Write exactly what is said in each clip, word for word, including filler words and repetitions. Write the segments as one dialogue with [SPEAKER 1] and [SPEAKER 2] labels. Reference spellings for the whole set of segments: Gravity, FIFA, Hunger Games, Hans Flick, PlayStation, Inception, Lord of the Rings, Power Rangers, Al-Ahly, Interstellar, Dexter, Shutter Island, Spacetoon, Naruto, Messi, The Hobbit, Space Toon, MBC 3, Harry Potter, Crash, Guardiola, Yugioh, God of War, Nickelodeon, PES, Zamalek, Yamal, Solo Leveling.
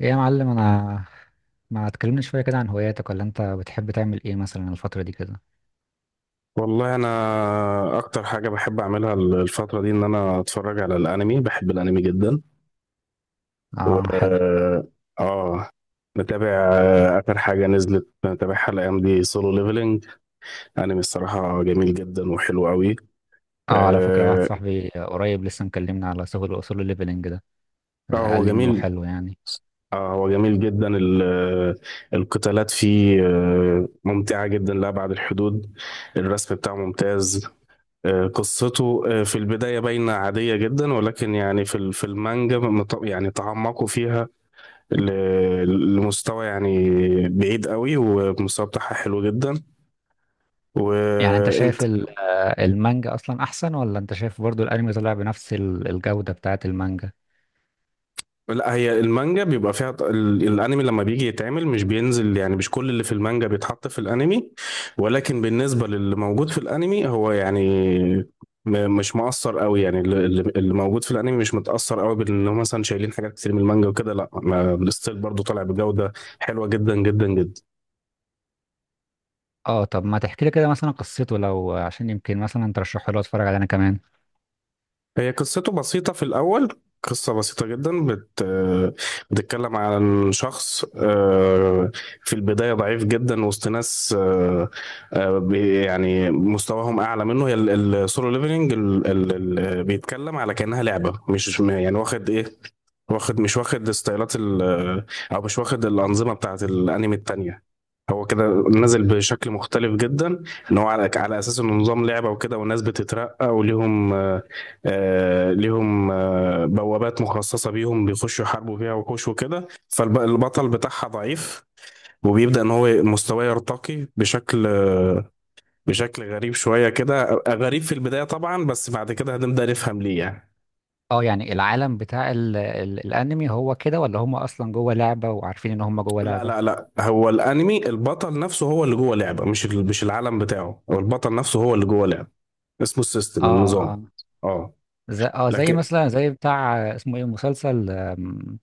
[SPEAKER 1] ايه يا معلم، انا ما تكلمني شويه كده عن هواياتك، ولا انت بتحب تعمل ايه مثلا الفتره دي كده؟
[SPEAKER 2] والله انا اكتر حاجه بحب اعملها الفتره دي ان انا اتفرج على الانمي. بحب الانمي جدا
[SPEAKER 1] اه، حلو.
[SPEAKER 2] و اه نتابع آه، اخر حاجه نزلت نتابعها الايام دي سولو ليفلنج. انمي الصراحه جميل جدا وحلو قوي.
[SPEAKER 1] اه، على فكره واحد
[SPEAKER 2] اه.
[SPEAKER 1] صاحبي قريب لسه مكلمنا على سهول اصول الليفلنج ده.
[SPEAKER 2] آه،
[SPEAKER 1] قال
[SPEAKER 2] هو
[SPEAKER 1] لي انه
[SPEAKER 2] جميل.
[SPEAKER 1] حلو يعني.
[SPEAKER 2] اه هو جميل جدا. ال- القتالات فيه آه، ممتعة جدا لأبعد الحدود. الرسم بتاعه ممتاز. آه، قصته آه، في البداية باينة عادية جدا، ولكن يعني في ال- في المانجا مت- يعني تعمقوا فيها ل- لمستوى يعني بعيد قوي، والمستوى بتاعها حلو جدا.
[SPEAKER 1] يعني انت
[SPEAKER 2] وانت؟
[SPEAKER 1] شايف ال- آه، المانجا اصلا احسن، ولا انت شايف برضو الانمي طلع بنفس ال- الجوده بتاعه المانجا؟
[SPEAKER 2] لا، هي المانجا بيبقى فيها ط- ال- الانمي لما بيجي يتعمل مش بينزل، يعني مش كل اللي في المانجا بيتحط في الانمي، ولكن بالنسبة للي موجود في الانمي هو يعني م- مش مؤثر قوي. يعني اللي اللي- اللي موجود في الانمي مش متأثر قوي بان هم مثلا شايلين حاجات كتير من المانجا وكده. لا ما- الستيل برضه طالع بجودة حلوة جدا جدا جدا.
[SPEAKER 1] اه، طب ما تحكي لي كده مثلا قصته، لو عشان يمكن مثلا ترشحه لي اتفرج عليه انا كمان.
[SPEAKER 2] هي قصته بسيطة في الأول. قصة بسيطة جدا بت... بتتكلم عن شخص آه، في البداية ضعيف جدا وسط ناس آه، آه، بي- يعني مستواهم أعلى منه. هي السولو ليفلنج بيتكلم على كأنها لعبة، مش يعني واخد إيه. واخد مش واخد ستايلات ال، او مش واخد الانظمه بتاعت الانمي التانية. هو كده نازل بشكل مختلف جدا، ان هو على على اساس انه نظام لعبه وكده، والناس بتترقى وليهم آه. آه، ليهم آه بوابات مخصصه بيهم بيخشوا يحاربوا فيها وحوش وكده، فالبطل بتاعها ضعيف، وبيبدأ ان هو مستواه يرتقي بشكل آه، بشكل غريب شويه، كده غريب في البدايه طبعا، بس بعد كده هنبدأ نفهم ليه يعني.
[SPEAKER 1] اه، يعني العالم بتاع ال ال الانمي هو كده، ولا هم اصلا جوه لعبه وعارفين ان هم جوه
[SPEAKER 2] لا
[SPEAKER 1] لعبه؟
[SPEAKER 2] لا لا، هو الانمي البطل نفسه هو اللي جوه لعبه، مش ال- مش العالم بتاعه. هو البطل نفسه هو اللي جوه لعبه. اسمه السيستم،
[SPEAKER 1] اه،
[SPEAKER 2] النظام.
[SPEAKER 1] اه،
[SPEAKER 2] اه
[SPEAKER 1] زي اه زي
[SPEAKER 2] لكن
[SPEAKER 1] مثلا زي بتاع، آه، اسمه ايه، مسلسل، آم،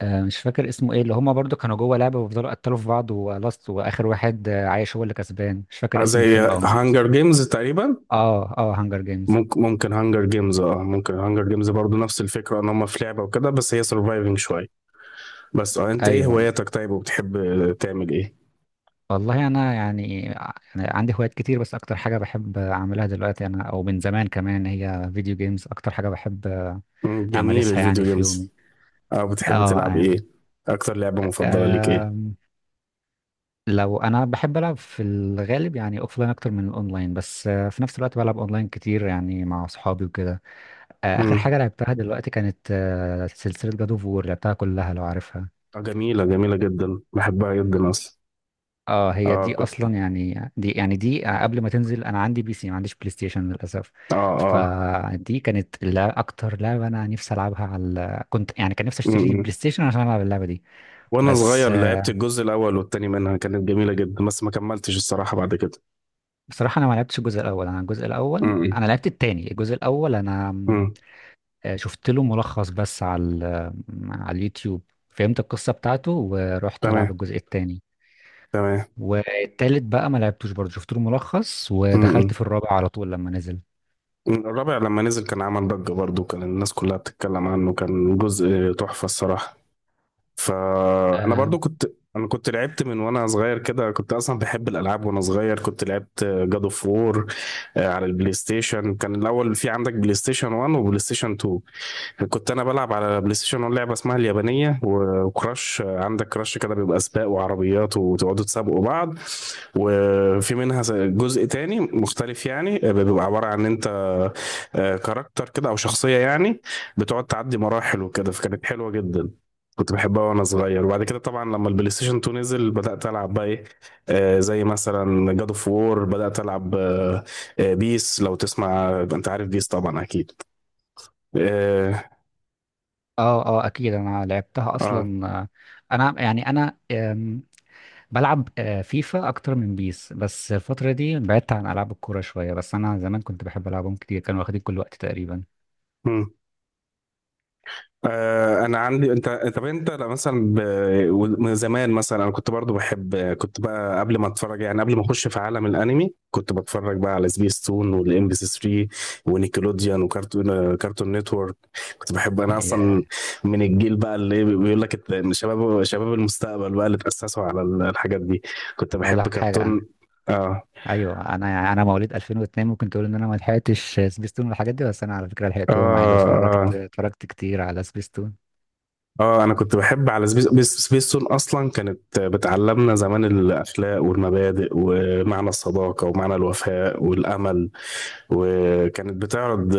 [SPEAKER 1] آه، مش فاكر اسمه ايه، اللي هما برضو كانوا جوه لعبة وفضلوا قتلوا في بعض، ولاست واخر واحد آه، عايش هو اللي كسبان، مش فاكر اسم
[SPEAKER 2] زي
[SPEAKER 1] الفيلم او
[SPEAKER 2] هانجر
[SPEAKER 1] المسلسل.
[SPEAKER 2] جيمز تقريبا.
[SPEAKER 1] اه، اه، هانجر جيمز،
[SPEAKER 2] ممكن ممكن هانجر جيمز، اه ممكن هانجر جيمز برضو نفس الفكره ان هم في لعبه وكده، بس هي سرفايفنج شويه. بس اه انت ايه
[SPEAKER 1] ايوه.
[SPEAKER 2] هواياتك طيب، وبتحب تعمل ايه؟
[SPEAKER 1] والله انا يعني ع- يعني عندي هوايات كتير، بس اكتر حاجة بحب اعملها دلوقتي انا او من زمان كمان هي فيديو جيمز، اكتر حاجة بحب
[SPEAKER 2] مم، جميل
[SPEAKER 1] امارسها
[SPEAKER 2] الفيديو
[SPEAKER 1] يعني في
[SPEAKER 2] جيمز.
[SPEAKER 1] يومي.
[SPEAKER 2] اه بتحب
[SPEAKER 1] اه،
[SPEAKER 2] تلعب ايه؟
[SPEAKER 1] يعني
[SPEAKER 2] اكتر لعبه مفضله ليك ايه؟
[SPEAKER 1] لو انا بحب العب في الغالب يعني اوفلاين اكتر من الاونلاين، بس آه، في نفس الوقت بلعب اونلاين كتير يعني مع اصحابي وكده. آه، اخر
[SPEAKER 2] امم
[SPEAKER 1] حاجه لعبتها دلوقتي كانت آه، سلسله جاد اوف وور، لعبتها كلها لو عارفها.
[SPEAKER 2] اه جميله جميله جدا بحبها جدا اصلا.
[SPEAKER 1] اه، هي
[SPEAKER 2] اه
[SPEAKER 1] دي
[SPEAKER 2] كنت.
[SPEAKER 1] اصلا يعني دي يعني دي آه، قبل ما تنزل انا عندي بي سي ما عنديش بلاي ستيشن للاسف.
[SPEAKER 2] اه. اه.
[SPEAKER 1] فدي كانت، لا، اكتر لعبه انا نفسي العبها، على كنت يعني كان نفسي اشتري
[SPEAKER 2] م-م.
[SPEAKER 1] بلاي ستيشن عشان العب اللعبه دي.
[SPEAKER 2] وانا
[SPEAKER 1] بس
[SPEAKER 2] صغير
[SPEAKER 1] آه،
[SPEAKER 2] لعبت الجزء الاول والتاني منها، كانت جميله جدا، بس ما كملتش الصراحه بعد كده.
[SPEAKER 1] بصراحه انا ما لعبتش الجزء الاول، انا الجزء الاول
[SPEAKER 2] م-م.
[SPEAKER 1] انا لعبت التاني، الجزء الاول انا
[SPEAKER 2] م.
[SPEAKER 1] آه، شفت له ملخص بس على ال- على اليوتيوب، فهمت القصة بتاعته ورحت ألعب
[SPEAKER 2] تمام.
[SPEAKER 1] الجزء التاني.
[SPEAKER 2] تمام.
[SPEAKER 1] والتالت بقى ما لعبتوش برضه، شفت له ملخص، ودخلت
[SPEAKER 2] م-م.
[SPEAKER 1] في الرابع على طول لما نزل.
[SPEAKER 2] م. الرابع لما نزل كان عمل ضجه برضو، كان الناس كلها بتتكلم عنه، كان جزء تحفه الصراحه. فانا
[SPEAKER 1] اه،
[SPEAKER 2] برضو كنت. انا كنت لعبت من وانا صغير كده، كنت اصلا بحب الالعاب وانا صغير، كنت لعبت جاد اوف وور على البلاي ستيشن. كان الاول في عندك بلاي ستيشن ون وبلاي ستيشن تو. كنت انا بلعب على بلاي ستيشن أون لعبه اسمها اليابانيه و- وكراش. عندك كراش كده بيبقى سباق وعربيات وتقعدوا تسابقوا بعض. وفي منها ز- جزء تاني مختلف، يعني آه، بيبقى عباره عن ان انت آه، كاركتر كده او شخصيه يعني، بتقعد تعدي مراحل وكده، فكانت حلوه جدا. كنت بحبها وانا صغير. وبعد كده طبعا لما البلاي ستيشن اتنين نزل، بدات العب بقى ايه، آه، زي مثلا جاد اوف وور. بدات العب آه، آه، بيس. لو تسمع، انت عارف بيس طبعا اكيد. اه,
[SPEAKER 1] اه، آه، اكيد انا لعبتها اصلا. آه، انا يعني انا آم، بلعب آه، فيفا اكتر من بيس، بس الفترة دي بعدت عن العاب الكورة شوية، بس انا زمان كنت بحب العبهم كتير، كانوا واخدين كل وقت تقريبا.
[SPEAKER 2] آه. آه، انا عندي انت. طب انت لأ مثلا ب... من زمان مثلا انا كنت برضو بحب، كنت بقى قبل ما اتفرج، يعني قبل ما اخش في عالم الانمي كنت بتفرج بقى على سبيس تون والام بي سي ثري ونيكلوديان وكارتون كارتون نتورك. كنت بحب انا اصلا،
[SPEAKER 1] آه،
[SPEAKER 2] من الجيل بقى اللي إيه، بيقول لك الت- إن شباب شباب المستقبل بقى اللي تأسسوا على ال- الحاجات دي. كنت
[SPEAKER 1] اقول
[SPEAKER 2] بحب
[SPEAKER 1] لك حاجة.
[SPEAKER 2] كرتون. اه.
[SPEAKER 1] ايوه، انا انا مواليد ألفين واثنين، ممكن تقول ان انا ما لحقتش سبيستون والحاجات دي، بس انا على فكره
[SPEAKER 2] اه.
[SPEAKER 1] لحقتهم عادي، اتفرجت
[SPEAKER 2] آه.
[SPEAKER 1] اتفرجت كتير على سبيستون.
[SPEAKER 2] اه انا كنت بحب على سبيس بيس- سبيستون. اصلا كانت بتعلمنا زمان الاخلاق والمبادئ ومعنى الصداقه ومعنى الوفاء والامل. وكانت بتعرض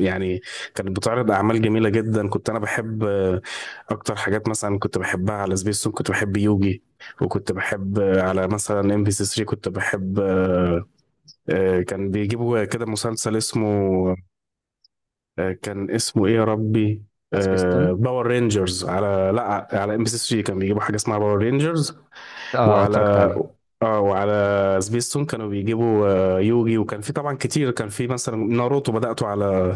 [SPEAKER 2] يعني، كانت بتعرض اعمال جميله جدا. كنت انا بحب آه، اكتر حاجات مثلا كنت بحبها على سبيستون كنت بحب يوجي. وكنت بحب على مثلا ام بي سي تلاتة كنت بحب آه، آه، كان بيجيبوا كده مسلسل اسمه آه، كان اسمه ايه يا ربي،
[SPEAKER 1] على
[SPEAKER 2] آه،
[SPEAKER 1] سبيستون،
[SPEAKER 2] باور رينجرز. على لا على ام بي سي ثري كان بيجيبوا حاجه اسمها باور رينجرز.
[SPEAKER 1] اه،
[SPEAKER 2] وعلى
[SPEAKER 1] اتفرجت عليه.
[SPEAKER 2] اه وعلى سبيستون كانوا بيجيبوا آه، يوجي. وكان في طبعا كتير، كان في مثلا ناروتو بدأته على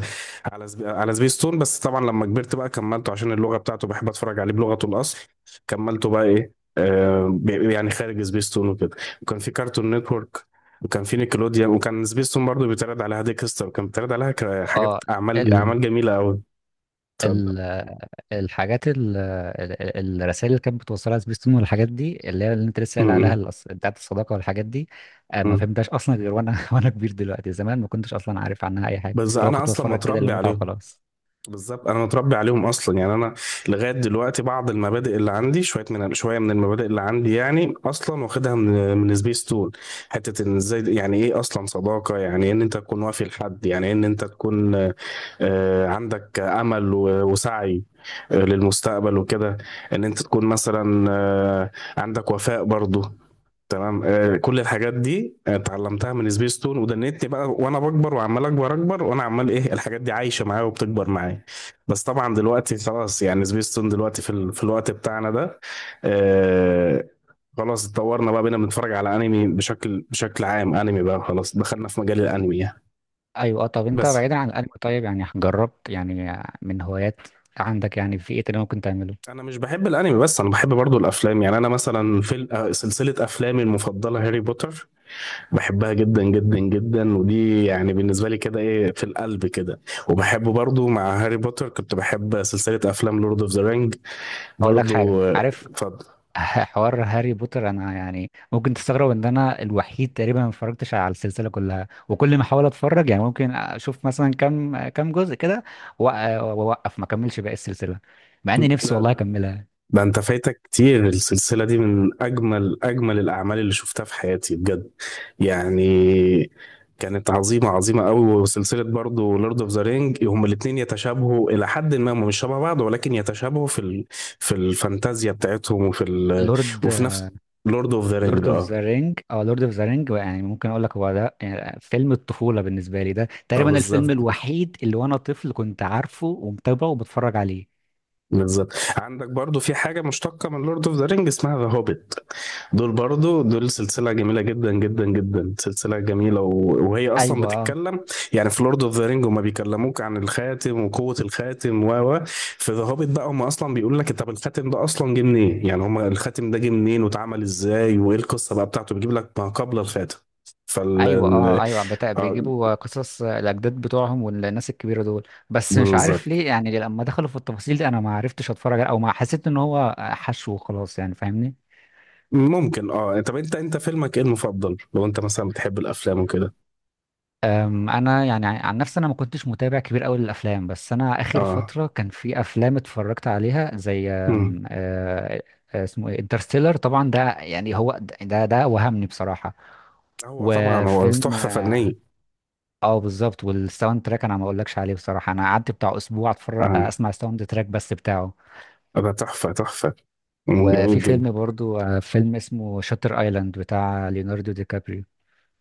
[SPEAKER 2] على سب... على سبيستون، بس طبعا لما كبرت بقى كملته عشان اللغة بتاعته بحب اتفرج عليه بلغته الأصل. كملته بقى ايه، آه ب- يعني خارج سبيستون وكده. وكان في كارتون نتورك، وكان في نيكلوديان، وكان سبيستون برضه بيتعرض عليها ديكستر، وكان بيتعرض عليها ك-
[SPEAKER 1] اه،
[SPEAKER 2] حاجات، أعمال
[SPEAKER 1] ال
[SPEAKER 2] أعمال جميلة أوي. تصدق.
[SPEAKER 1] ال الحاجات ال الرسائل اللي كانت بتوصلها سبيستون والحاجات دي، اللي هي اللي انت لسه
[SPEAKER 2] م-
[SPEAKER 1] قايل عليها،
[SPEAKER 2] م-
[SPEAKER 1] الأص- بتاعت الصداقه والحاجات دي، آه، ما
[SPEAKER 2] م.
[SPEAKER 1] فهمتهاش اصلا غير وانا وانا كبير دلوقتي. زمان ما كنتش اصلا عارف عنها اي حاجه،
[SPEAKER 2] بس
[SPEAKER 1] لو
[SPEAKER 2] أنا
[SPEAKER 1] كنت
[SPEAKER 2] أصلا
[SPEAKER 1] بتفرج كده
[SPEAKER 2] متربي
[SPEAKER 1] للمتعه
[SPEAKER 2] عليهم.
[SPEAKER 1] وخلاص.
[SPEAKER 2] بالظبط انا متربي عليهم اصلا، يعني انا لغايه دلوقتي بعض المبادئ اللي عندي، شويه من شويه من المبادئ اللي عندي يعني اصلا واخدها من من سبيس تون. حته ان ازاي، يعني ايه اصلا صداقه، يعني إيه ان انت تكون وافي لحد، يعني إيه ان انت تكون آه، عندك امل و- وسعي آه، للمستقبل وكده، ان انت تكون مثلا آه، عندك وفاء برضو. تمام، آه، كل الحاجات دي آه، اتعلمتها من سبيس تون، ودنيتني بقى وانا بكبر وعمال اكبر اكبر، وانا عمال ايه الحاجات دي عايشه معايا وبتكبر معايا. بس طبعا دلوقتي خلاص، يعني سبيس تون دلوقتي في ال... في الوقت بتاعنا ده، آه خلاص اتطورنا بقى، بقينا بنتفرج على انمي بشكل بشكل عام. انمي بقى، خلاص دخلنا في مجال الانمي يعني.
[SPEAKER 1] ايوه، آه، طب انت
[SPEAKER 2] بس
[SPEAKER 1] بعيدا عن الانمي، طيب يعني جربت يعني من هوايات عندك، يعني في ايه تاني ممكن تعمله؟
[SPEAKER 2] انا مش بحب الانمي، بس انا بحب برضو الافلام. يعني انا مثلا في ال- آه، سلسله افلامي المفضله هاري بوتر، بحبها جدا جدا جدا، ودي يعني بالنسبة لي كده ايه، في القلب كده. وبحب برضو مع هاري بوتر كنت بحب سلسلة افلام لورد اوف ذا رينج
[SPEAKER 1] اقول لك حاجه،
[SPEAKER 2] برضو آه،
[SPEAKER 1] عارف؟
[SPEAKER 2] اتفضل.
[SPEAKER 1] حوار هاري بوتر، انا يعني ممكن تستغرب ان انا الوحيد تقريبا ما اتفرجتش على السلسله كلها، وكل ما احاول اتفرج يعني ممكن اشوف مثلا كام كام جزء كده وأ- واوقف، ما اكملش باقي السلسله، مع اني نفسي والله
[SPEAKER 2] لا
[SPEAKER 1] اكملها.
[SPEAKER 2] ده انت فايتك كتير، السلسلة دي من اجمل اجمل الاعمال اللي شفتها في حياتي بجد، يعني كانت عظيمة عظيمة قوي. وسلسلة برضو لورد اوف ذا رينج، هما الاتنين يتشابهوا إلى حد ما، هما مش شبه بعض ولكن يتشابهوا في ال... في الفانتازيا بتاعتهم وفي ال...
[SPEAKER 1] لورد
[SPEAKER 2] وفي نفس لورد اوف ذا رينج،
[SPEAKER 1] لورد اوف
[SPEAKER 2] اه.
[SPEAKER 1] ذا رينج، اه، لورد اوف ذا رينج يعني ممكن اقول لك هو ده، يعني فيلم الطفوله بالنسبه لي، ده
[SPEAKER 2] اه
[SPEAKER 1] تقريبا الفيلم
[SPEAKER 2] بالظبط.
[SPEAKER 1] الوحيد اللي وانا طفل كنت عارفه ومتابعه وبتفرج عليه.
[SPEAKER 2] بالظبط، عندك برضو في حاجة مشتقة من لورد اوف ذا رينج اسمها ذا هوبيت. دول برضو دول سلسلة جميلة جدا جدا جدا. سلسلة جميلة و... وهي أصلا
[SPEAKER 1] ايوه، اه،
[SPEAKER 2] بتتكلم، يعني في لورد اوف ذا رينج هما بيكلموك عن الخاتم وقوة الخاتم و و في ذا هوبيت بقى هما أصلا بيقول لك، طب الخاتم ده أصلا جه منين، يعني هما الخاتم ده جه منين واتعمل ازاي وإيه القصة بقى بتاعته، بيجيب لك ما قبل الخاتم. فال
[SPEAKER 1] ايوه،
[SPEAKER 2] ال-
[SPEAKER 1] اه، ايوه، بتا-
[SPEAKER 2] اه
[SPEAKER 1] بيجيبوا قصص الاجداد بتوعهم والناس الكبيره دول، بس مش عارف
[SPEAKER 2] بالظبط.
[SPEAKER 1] ليه، يعني لما دخلوا في التفاصيل دي انا ما عرفتش اتفرج عليه، او ما حسيت ان هو حشو وخلاص، يعني فاهمني.
[SPEAKER 2] ممكن اه. طب انت انت فيلمك ايه المفضل، لو انت مثلا بتحب الافلام وكده؟
[SPEAKER 1] أم، انا يعني عن نفسي، انا ما كنتش متابع كبير قوي للافلام، بس انا اخر
[SPEAKER 2] اه
[SPEAKER 1] فتره كان في افلام اتفرجت عليها، زي
[SPEAKER 2] مم.
[SPEAKER 1] أم، آه، آه، اسمه ايه، انترستيلر طبعا ده، يعني هو ده ده وهمني بصراحه.
[SPEAKER 2] هو طبعا هو
[SPEAKER 1] وفيلم،
[SPEAKER 2] تحفة
[SPEAKER 1] اه،
[SPEAKER 2] فنية.
[SPEAKER 1] آه، بالظبط، والساوند تراك انا ما اقولكش عليه بصراحه، انا قعدت بتاع اسبوع اتفرج آه،
[SPEAKER 2] اه
[SPEAKER 1] اسمع الساوند تراك بس بتاعه.
[SPEAKER 2] ده تحفة تحفة. مم، جميل
[SPEAKER 1] وفي
[SPEAKER 2] جدا.
[SPEAKER 1] فيلم برضو آه، فيلم اسمه شاتر ايلاند، بتاع ليوناردو دي كابريو.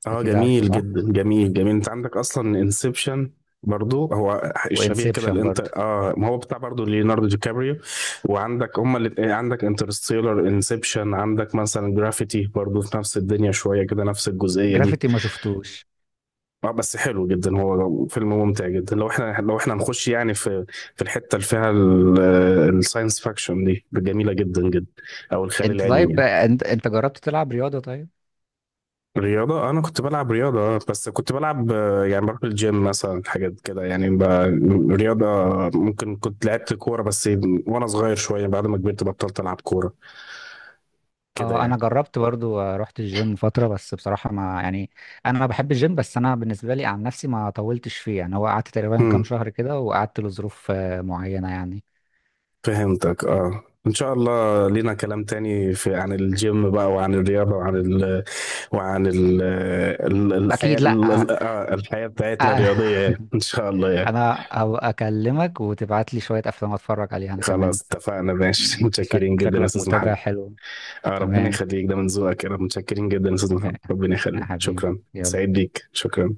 [SPEAKER 2] اه
[SPEAKER 1] اكيد عارفه
[SPEAKER 2] جميل
[SPEAKER 1] صح.
[SPEAKER 2] جدا جميل جميل. انت عندك اصلا انسبشن برضو، هو الشبيه كده،
[SPEAKER 1] وانسبشن
[SPEAKER 2] الانت
[SPEAKER 1] برضو.
[SPEAKER 2] اه ما هو بتاع برضو ليوناردو دي كابريو. وعندك هما اللي، عندك انترستيلر، انسبشن، عندك مثلا جرافيتي برضو في نفس الدنيا شوية كده، نفس الجزئية دي.
[SPEAKER 1] جرافيتي ما شفتوش.
[SPEAKER 2] اه بس حلو جدا، هو فيلم ممتع جدا لو احنا لو احنا هنخش يعني في في الحته اللي فيها الساينس فاكشن دي، جميله جدا جدا، او الخيال
[SPEAKER 1] انت
[SPEAKER 2] العلمي
[SPEAKER 1] طيب،
[SPEAKER 2] يعني.
[SPEAKER 1] انت انت جربت تلعب رياضة طيب؟
[SPEAKER 2] رياضه آه، انا كنت بلعب رياضه آه، بس كنت بلعب آه، يعني بروح الجيم مثلا حاجات كده، يعني ب... رياضه آه، ممكن كنت لعبت كوره بس وانا صغير شويه، بعد ما كبرت بطلت العب كوره
[SPEAKER 1] اه،
[SPEAKER 2] كده
[SPEAKER 1] انا جربت برضو آه، رحت الجيم فترة، بس بصراحة ما يعني، انا بحب الجيم، بس انا بالنسبة لي عن نفسي ما طولتش فيه، يعني هو قعدت تقريبا كام
[SPEAKER 2] يعني.
[SPEAKER 1] شهر كده، وقعدت لظروف آه، معينة يعني.
[SPEAKER 2] فهمتك. اه ان شاء الله لينا كلام تاني في، عن الجيم بقى وعن الرياضة وعن ال وعن ال ال- الحياة،
[SPEAKER 1] اكيد، لا،
[SPEAKER 2] ال-
[SPEAKER 1] آه،
[SPEAKER 2] ال- آه، الحياة بتاعتنا الرياضية يعني. ان شاء الله يعني.
[SPEAKER 1] انا هبقى اكلمك وتبعت لي شوية افلام اتفرج عليها انا كمان.
[SPEAKER 2] خلاص اتفقنا ماشي
[SPEAKER 1] انت شك...
[SPEAKER 2] متشكرين جدا يا
[SPEAKER 1] شكلك
[SPEAKER 2] استاذ
[SPEAKER 1] متابع
[SPEAKER 2] محمد.
[SPEAKER 1] حلو.
[SPEAKER 2] اه ربنا
[SPEAKER 1] تمام،
[SPEAKER 2] يخليك، ده من ذوقك يا رب. متشكرين جدا يا استاذ محمد، ربنا
[SPEAKER 1] يا
[SPEAKER 2] يخليك.
[SPEAKER 1] حبيبي،
[SPEAKER 2] شكرا،
[SPEAKER 1] يلا.
[SPEAKER 2] سعيد بيك، شكرا.